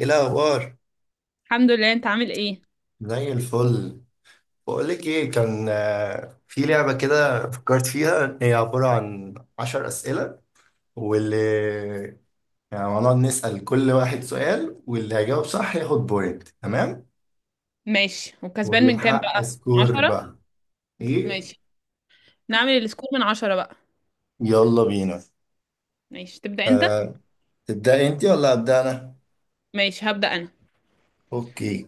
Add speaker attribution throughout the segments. Speaker 1: ايه الاخبار؟
Speaker 2: الحمد لله. انت عامل ايه؟
Speaker 1: زي الفل. بقولك ايه، كان في لعبة كده فكرت فيها، هي عبارة عن عشر أسئلة. واللي يعني هنقعد نسأل كل واحد سؤال، واللي هيجاوب صح ياخد بوينت. تمام.
Speaker 2: ماشي، وكسبان
Speaker 1: واللي
Speaker 2: من كام
Speaker 1: يحقق
Speaker 2: بقى، من
Speaker 1: سكور
Speaker 2: 10؟
Speaker 1: بقى ايه.
Speaker 2: ماشي، نعمل السكور من 10 بقى.
Speaker 1: يلا بينا.
Speaker 2: ماشي، تبدأ انت.
Speaker 1: أه. تبدأ انت ولا أبدأ أنا؟
Speaker 2: ماشي، هبدأ انا.
Speaker 1: اوكي.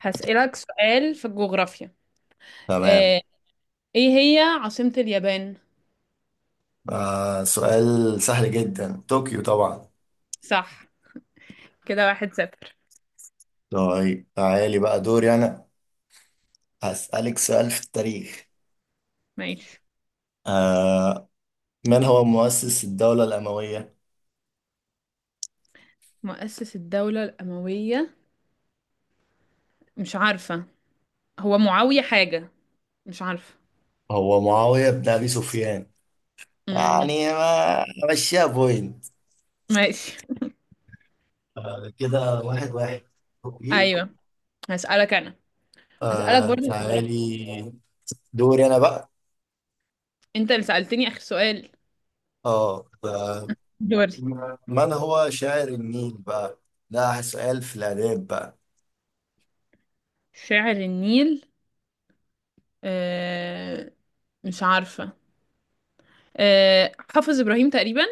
Speaker 2: هسألك سؤال في الجغرافيا.
Speaker 1: تمام.
Speaker 2: آه، ايه هي عاصمة اليابان؟
Speaker 1: سؤال سهل جدا، طوكيو طبعا.
Speaker 2: صح. كده 1-0.
Speaker 1: طيب تعالي بقى دوري أنا. هسألك سؤال في التاريخ.
Speaker 2: ماشي.
Speaker 1: آه من هو مؤسس الدولة الأموية؟
Speaker 2: مؤسس الدولة الأموية؟ مش عارفة. هو معاوية حاجة. مش عارفة.
Speaker 1: هو معاوية بن أبي سفيان.
Speaker 2: امم.
Speaker 1: يعني ما مشيها بوينت.
Speaker 2: ماشي.
Speaker 1: كده واحد واحد. أوكي.
Speaker 2: ايوه، هسألك انا. هسألك برضو جغرافيا.
Speaker 1: تعالي، دوري أنا بقى.
Speaker 2: انت اللي سألتني آخر سؤال.
Speaker 1: اه آه،
Speaker 2: دوري.
Speaker 1: من هو شاعر النيل بقى؟ ده سؤال في الآداب بقى.
Speaker 2: شاعر النيل. آه مش عارفة. حافظ إبراهيم تقريبا.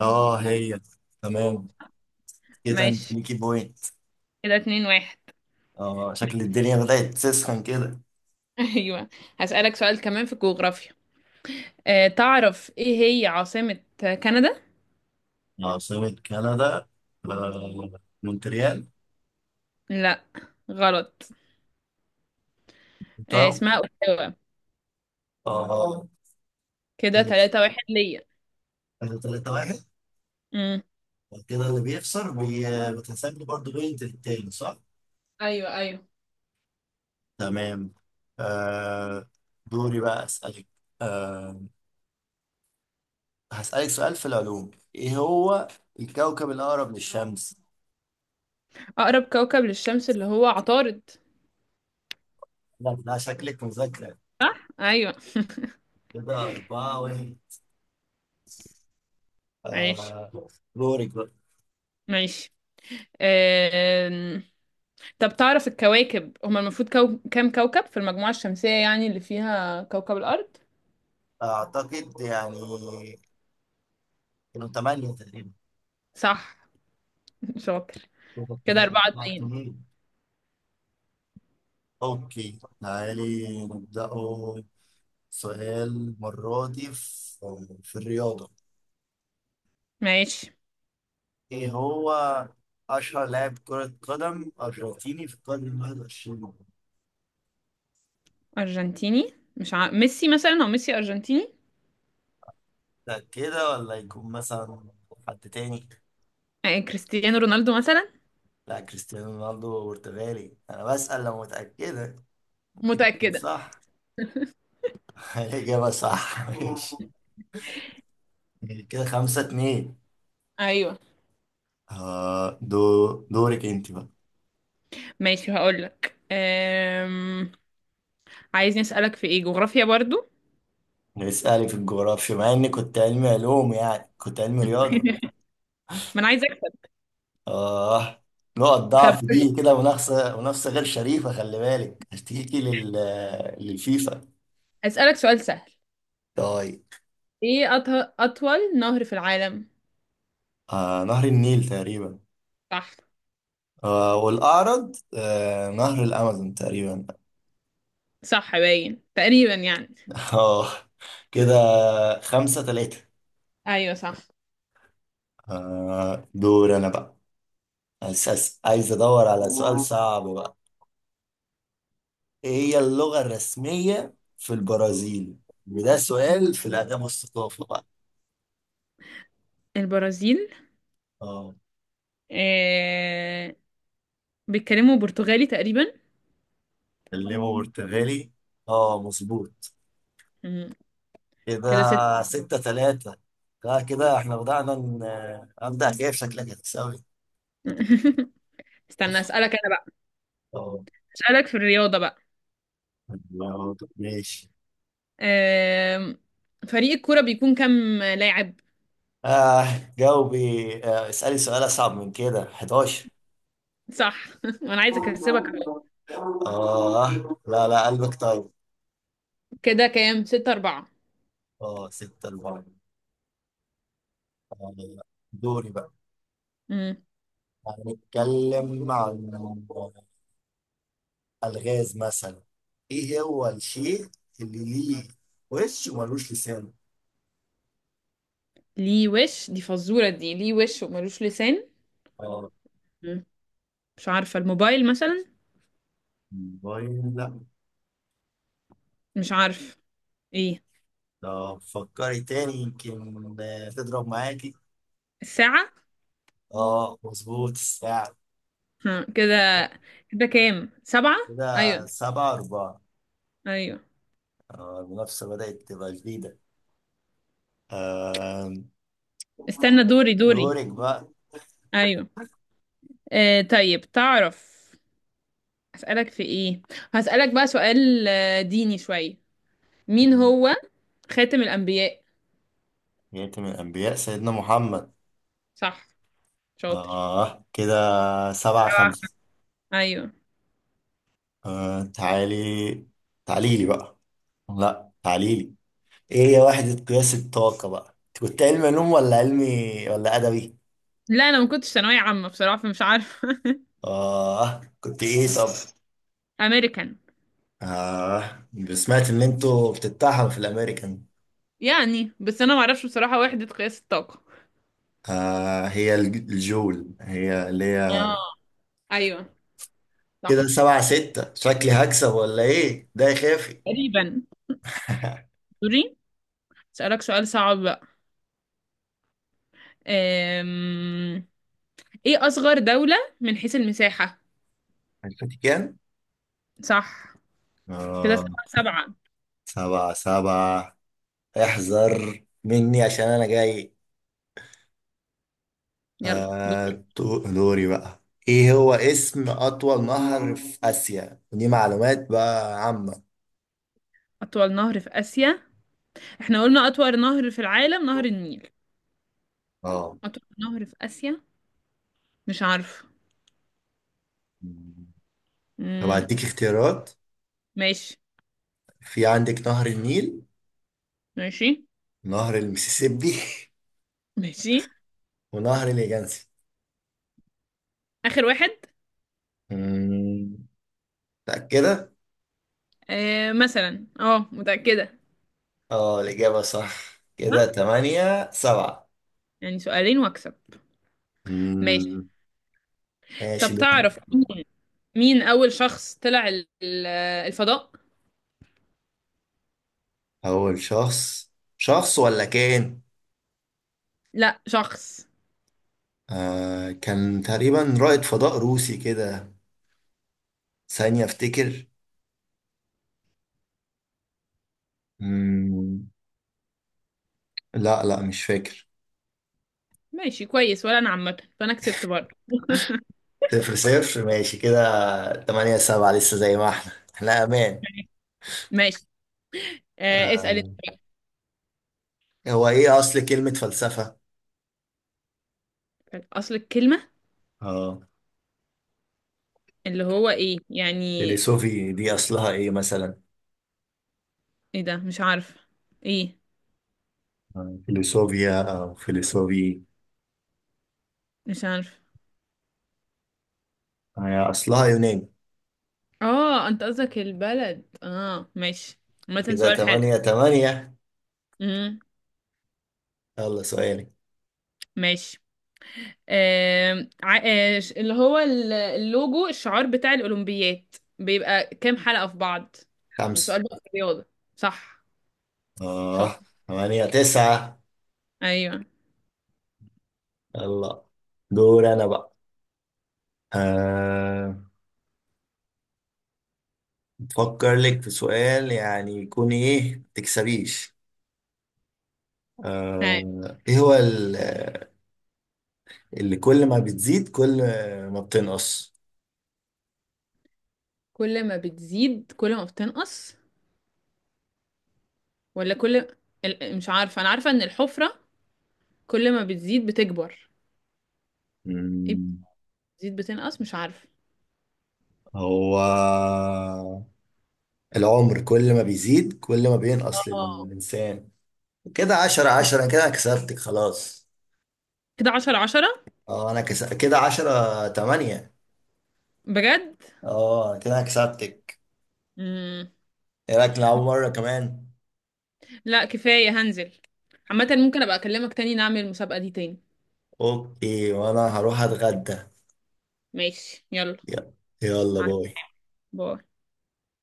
Speaker 1: اه هي. تمام، كده انت
Speaker 2: ماشي.
Speaker 1: ليكي بوينت.
Speaker 2: كده 2-1.
Speaker 1: اه، شكل الدنيا بدأت تسخن كده.
Speaker 2: أيوة. هسألك سؤال كمان في الجغرافيا. تعرف إيه هي عاصمة كندا؟
Speaker 1: عاصمة كندا، مونتريال.
Speaker 2: لا، غلط. اسمها أوتاوا.
Speaker 1: اه اه،
Speaker 2: كده
Speaker 1: ماشي،
Speaker 2: 3-1 ليا.
Speaker 1: احنا 3 واحد.
Speaker 2: مم.
Speaker 1: وكده اللي بيخسر بتحسب لي برضه بوينت للتاني، صح؟
Speaker 2: أيوة، أيوة.
Speaker 1: تمام. آه دوري بقى اسألك. آه هسألك سؤال في العلوم، ايه هو الكوكب الأقرب للشمس؟
Speaker 2: أقرب كوكب للشمس اللي هو عطارد.
Speaker 1: لا لا، شكلك مذاكرة.
Speaker 2: صح؟ أيوة.
Speaker 1: كده أربعة واحد.
Speaker 2: ماشي.
Speaker 1: آه دورك بقى.
Speaker 2: ماشي. آم، طب تعرف الكواكب هما المفروض كام كوكب في المجموعة الشمسية يعني اللي فيها كوكب الأرض؟
Speaker 1: أعتقد يعني كانوا تمانية تقريبا.
Speaker 2: صح، شاطر. كده أربعة
Speaker 1: أربعة
Speaker 2: اتنين
Speaker 1: اتنين. أوكي تعالي نبدأه. سؤال المرة دي في الرياضة.
Speaker 2: ماشي.
Speaker 1: إيه هو أشهر لاعب كرة قدم أرجنتيني في القرن الواحد وعشرين؟
Speaker 2: أرجنتيني مش ع... ميسي مثلا. أو ميسي أرجنتيني.
Speaker 1: ده كده، ولا يكون مثلا حد تاني؟
Speaker 2: كريستيانو رونالدو مثلا.
Speaker 1: لا، كريستيانو رونالدو برتغالي، أنا بسأل لو متأكدة، ممكن تكون
Speaker 2: متأكدة.
Speaker 1: صح. الإجابة صح، ماشي. كده خمسة اتنين.
Speaker 2: أيوه.
Speaker 1: آه دو دورك أنت بقى.
Speaker 2: ماشي، هقولك. عايزني أسألك في إيه، جغرافيا برضو؟
Speaker 1: اسألي في الجغرافيا، مع إني كنت علمي علوم، يعني كنت علمي رياضة.
Speaker 2: ما أنا عايزة أكسب.
Speaker 1: آه نقط
Speaker 2: طب
Speaker 1: ضعف
Speaker 2: قولي.
Speaker 1: دي، كده منافسة منافسة غير شريفة، خلي بالك هشتكي للفيفا.
Speaker 2: أسألك سؤال سهل.
Speaker 1: طيب.
Speaker 2: إيه أط... أطول نهر في العالم؟
Speaker 1: نهر النيل تقريبا.
Speaker 2: صح.
Speaker 1: والأعرض نهر الأمازون تقريبا.
Speaker 2: صح، باين تقريبا يعني.
Speaker 1: آه كده خمسة تلاتة.
Speaker 2: أيوه، صح.
Speaker 1: دور أنا بقى. أساس عايز أدور على سؤال صعب بقى. إيه هي اللغة الرسمية في البرازيل؟ وده سؤال في الآداب والثقافة بقى.
Speaker 2: البرازيل.
Speaker 1: آه
Speaker 2: أه... بيتكلموا برتغالي تقريبا.
Speaker 1: كلمه برتغالي. مظبوط.
Speaker 2: مم.
Speaker 1: كده
Speaker 2: كده ست.
Speaker 1: ستة تلاتة. لا كده، احنا بدأنا أبدأ جايب، شكلك هتكسبني.
Speaker 2: استنى، اسألك انا بقى.
Speaker 1: اه.
Speaker 2: اسألك في الرياضة بقى.
Speaker 1: ماشي.
Speaker 2: أم... فريق الكورة بيكون كام لاعب؟
Speaker 1: جاوبي. اسألي سؤال أصعب من كده، 11.
Speaker 2: صح. وانا عايزة اكسبك أهو.
Speaker 1: آه لا لا، قلبك طيب.
Speaker 2: كده كام، 6-4.
Speaker 1: اه، ستة أربعة. آه، دوري بقى.
Speaker 2: مم.
Speaker 1: هنتكلم عن الغاز مثلا. ايه هو الشيء اللي ليه وش وملوش لسان؟
Speaker 2: ليه وش، دي فزورة، دي ليه وش وملوش لسان؟
Speaker 1: اه.
Speaker 2: مم. مش عارفة، الموبايل مثلا.
Speaker 1: موبايل لا.
Speaker 2: مش عارف ايه.
Speaker 1: لو فكري تاني يمكن تضرب معاكي.
Speaker 2: الساعة.
Speaker 1: اه مظبوط، الساعة.
Speaker 2: ها كده. كده كام، سبعة.
Speaker 1: كده
Speaker 2: ايوه،
Speaker 1: سبعة أربعة.
Speaker 2: ايوه.
Speaker 1: المنافسة بدأت تبقى جديدة. آه،
Speaker 2: استنى، دوري دوري.
Speaker 1: دورك بقى.
Speaker 2: ايوه. طيب، تعرف اسألك في ايه. هسألك بقى سؤال ديني شوية. مين هو خاتم الأنبياء؟
Speaker 1: يتم الأنبياء سيدنا محمد.
Speaker 2: صح، شاطر.
Speaker 1: كده سبعة خمسة.
Speaker 2: أيوه.
Speaker 1: تعالي، تعالي لي بقى، لا تعالي لي. إيه هي وحدة قياس الطاقة بقى؟ أنت كنت علمي علوم ولا علمي ولا أدبي؟
Speaker 2: لا، أنا ما كنتش ثانوية عامة بصراحة فمش عارفة.
Speaker 1: كنت إيه طب؟
Speaker 2: أمريكان.
Speaker 1: آه سمعت ان انتوا بتتاحوا في الامريكان.
Speaker 2: يعني بس أنا ما أعرفش بصراحة وحدة قياس الطاقة.
Speaker 1: هي الجول، هي اللي
Speaker 2: اه،
Speaker 1: هي.
Speaker 2: أيوه،
Speaker 1: كده
Speaker 2: صح.
Speaker 1: سبعة ستة، شكلي هكسب ولا ايه ده يا خافي.
Speaker 2: تقريبا. دوري. أسألك سؤال صعب بقى. أم... إيه أصغر دولة من حيث المساحة؟
Speaker 1: عرفتي كام.
Speaker 2: صح. كده
Speaker 1: آه
Speaker 2: 7-7.
Speaker 1: سبعة سبعة. احذر مني عشان انا جاي.
Speaker 2: يلا دور.
Speaker 1: دوري بقى، ايه هو اسم اطول نهر في اسيا؟ ودي معلومات بقى عامة.
Speaker 2: أطول نهر في آسيا. احنا قلنا أطول نهر في العالم نهر النيل.
Speaker 1: اه،
Speaker 2: أطول نهر في آسيا. مش عارفة.
Speaker 1: طب
Speaker 2: مم،
Speaker 1: هديك اختيارات.
Speaker 2: ماشي.
Speaker 1: في عندك نهر النيل،
Speaker 2: ماشي.
Speaker 1: نهر المسيسيبي
Speaker 2: ماشي.
Speaker 1: ونهر اليانسي.
Speaker 2: آخر واحد.
Speaker 1: أمم، متأكدة؟
Speaker 2: آه مثلا، اه، متأكدة.
Speaker 1: اه، الإجابة صح، كده
Speaker 2: صح.
Speaker 1: تمانية سبعة.
Speaker 2: يعني سؤالين واكسب. ماشي.
Speaker 1: أمم،
Speaker 2: طب
Speaker 1: ماشي دوري.
Speaker 2: تعرف مين، مين أول شخص طلع الفضاء؟
Speaker 1: أول شخص، شخص ولا كان؟
Speaker 2: لا، شخص.
Speaker 1: كان تقريبا رائد فضاء روسي كده، ثانية أفتكر. أمم، لا لا مش فاكر.
Speaker 2: ماشي كويس، ولا أنا عامة فأنا كسبت برضه.
Speaker 1: صفر صفر ماشي كده. تمانية سبعة لسه زي ما احنا أمان.
Speaker 2: ماشي. اسأل انت.
Speaker 1: آه هو إيه أصل كلمة فلسفة؟
Speaker 2: أصل الكلمة
Speaker 1: اه،
Speaker 2: اللي هو إيه يعني.
Speaker 1: فيلسوفي دي أصلها إيه مثلا؟
Speaker 2: إيه ده؟ مش عارف إيه.
Speaker 1: فيلسوفيا أو فيلسوفي.
Speaker 2: مش عارف.
Speaker 1: هي أصلها يوناني.
Speaker 2: اه، أنت قصدك البلد، اه ماشي. عامة
Speaker 1: إذا
Speaker 2: سؤال حلو.
Speaker 1: تمانية تمانية.
Speaker 2: امم.
Speaker 1: يلا سؤالي.
Speaker 2: ماشي. آم، ع- آه، ش- اللي هو اللوجو، الشعار بتاع الأولمبيات، بيبقى كام حلقة في بعض؟ ده
Speaker 1: خمسة.
Speaker 2: سؤال بقى في الرياضة. صح، شاطر.
Speaker 1: آه تمانية تسعة.
Speaker 2: ايوه.
Speaker 1: يلا دور أنا بقى. آه فكر لك في سؤال يعني يكون إيه ما تكسبيش.
Speaker 2: هاي.
Speaker 1: إيه هو اللي كل ما بتزيد كل ما بتنقص.
Speaker 2: كل ما بتزيد كل ما بتنقص. ولا مش عارفة، انا عارفة ان الحفرة كل ما بتزيد بتكبر. ايه،
Speaker 1: مم،
Speaker 2: بتزيد بتنقص، مش عارفة.
Speaker 1: هو العمر، كل ما بيزيد كل ما بينقص
Speaker 2: اه،
Speaker 1: للإنسان. كده عشرة
Speaker 2: صح.
Speaker 1: عشرة، كده أنا كسبتك خلاص.
Speaker 2: كده 10-10.
Speaker 1: اه، كده عشرة تمانية.
Speaker 2: بجد.
Speaker 1: اه كده أنا كسبتك.
Speaker 2: مم.
Speaker 1: ايه رأيك نلعب مرة كمان؟
Speaker 2: لا، كفاية، هنزل. عامة ممكن ابقى اكلمك تاني نعمل المسابقة دي تاني.
Speaker 1: اوكي، وانا هروح اتغدى.
Speaker 2: ماشي يلا.
Speaker 1: يلا. يلا
Speaker 2: معاك.
Speaker 1: باي.
Speaker 2: باي.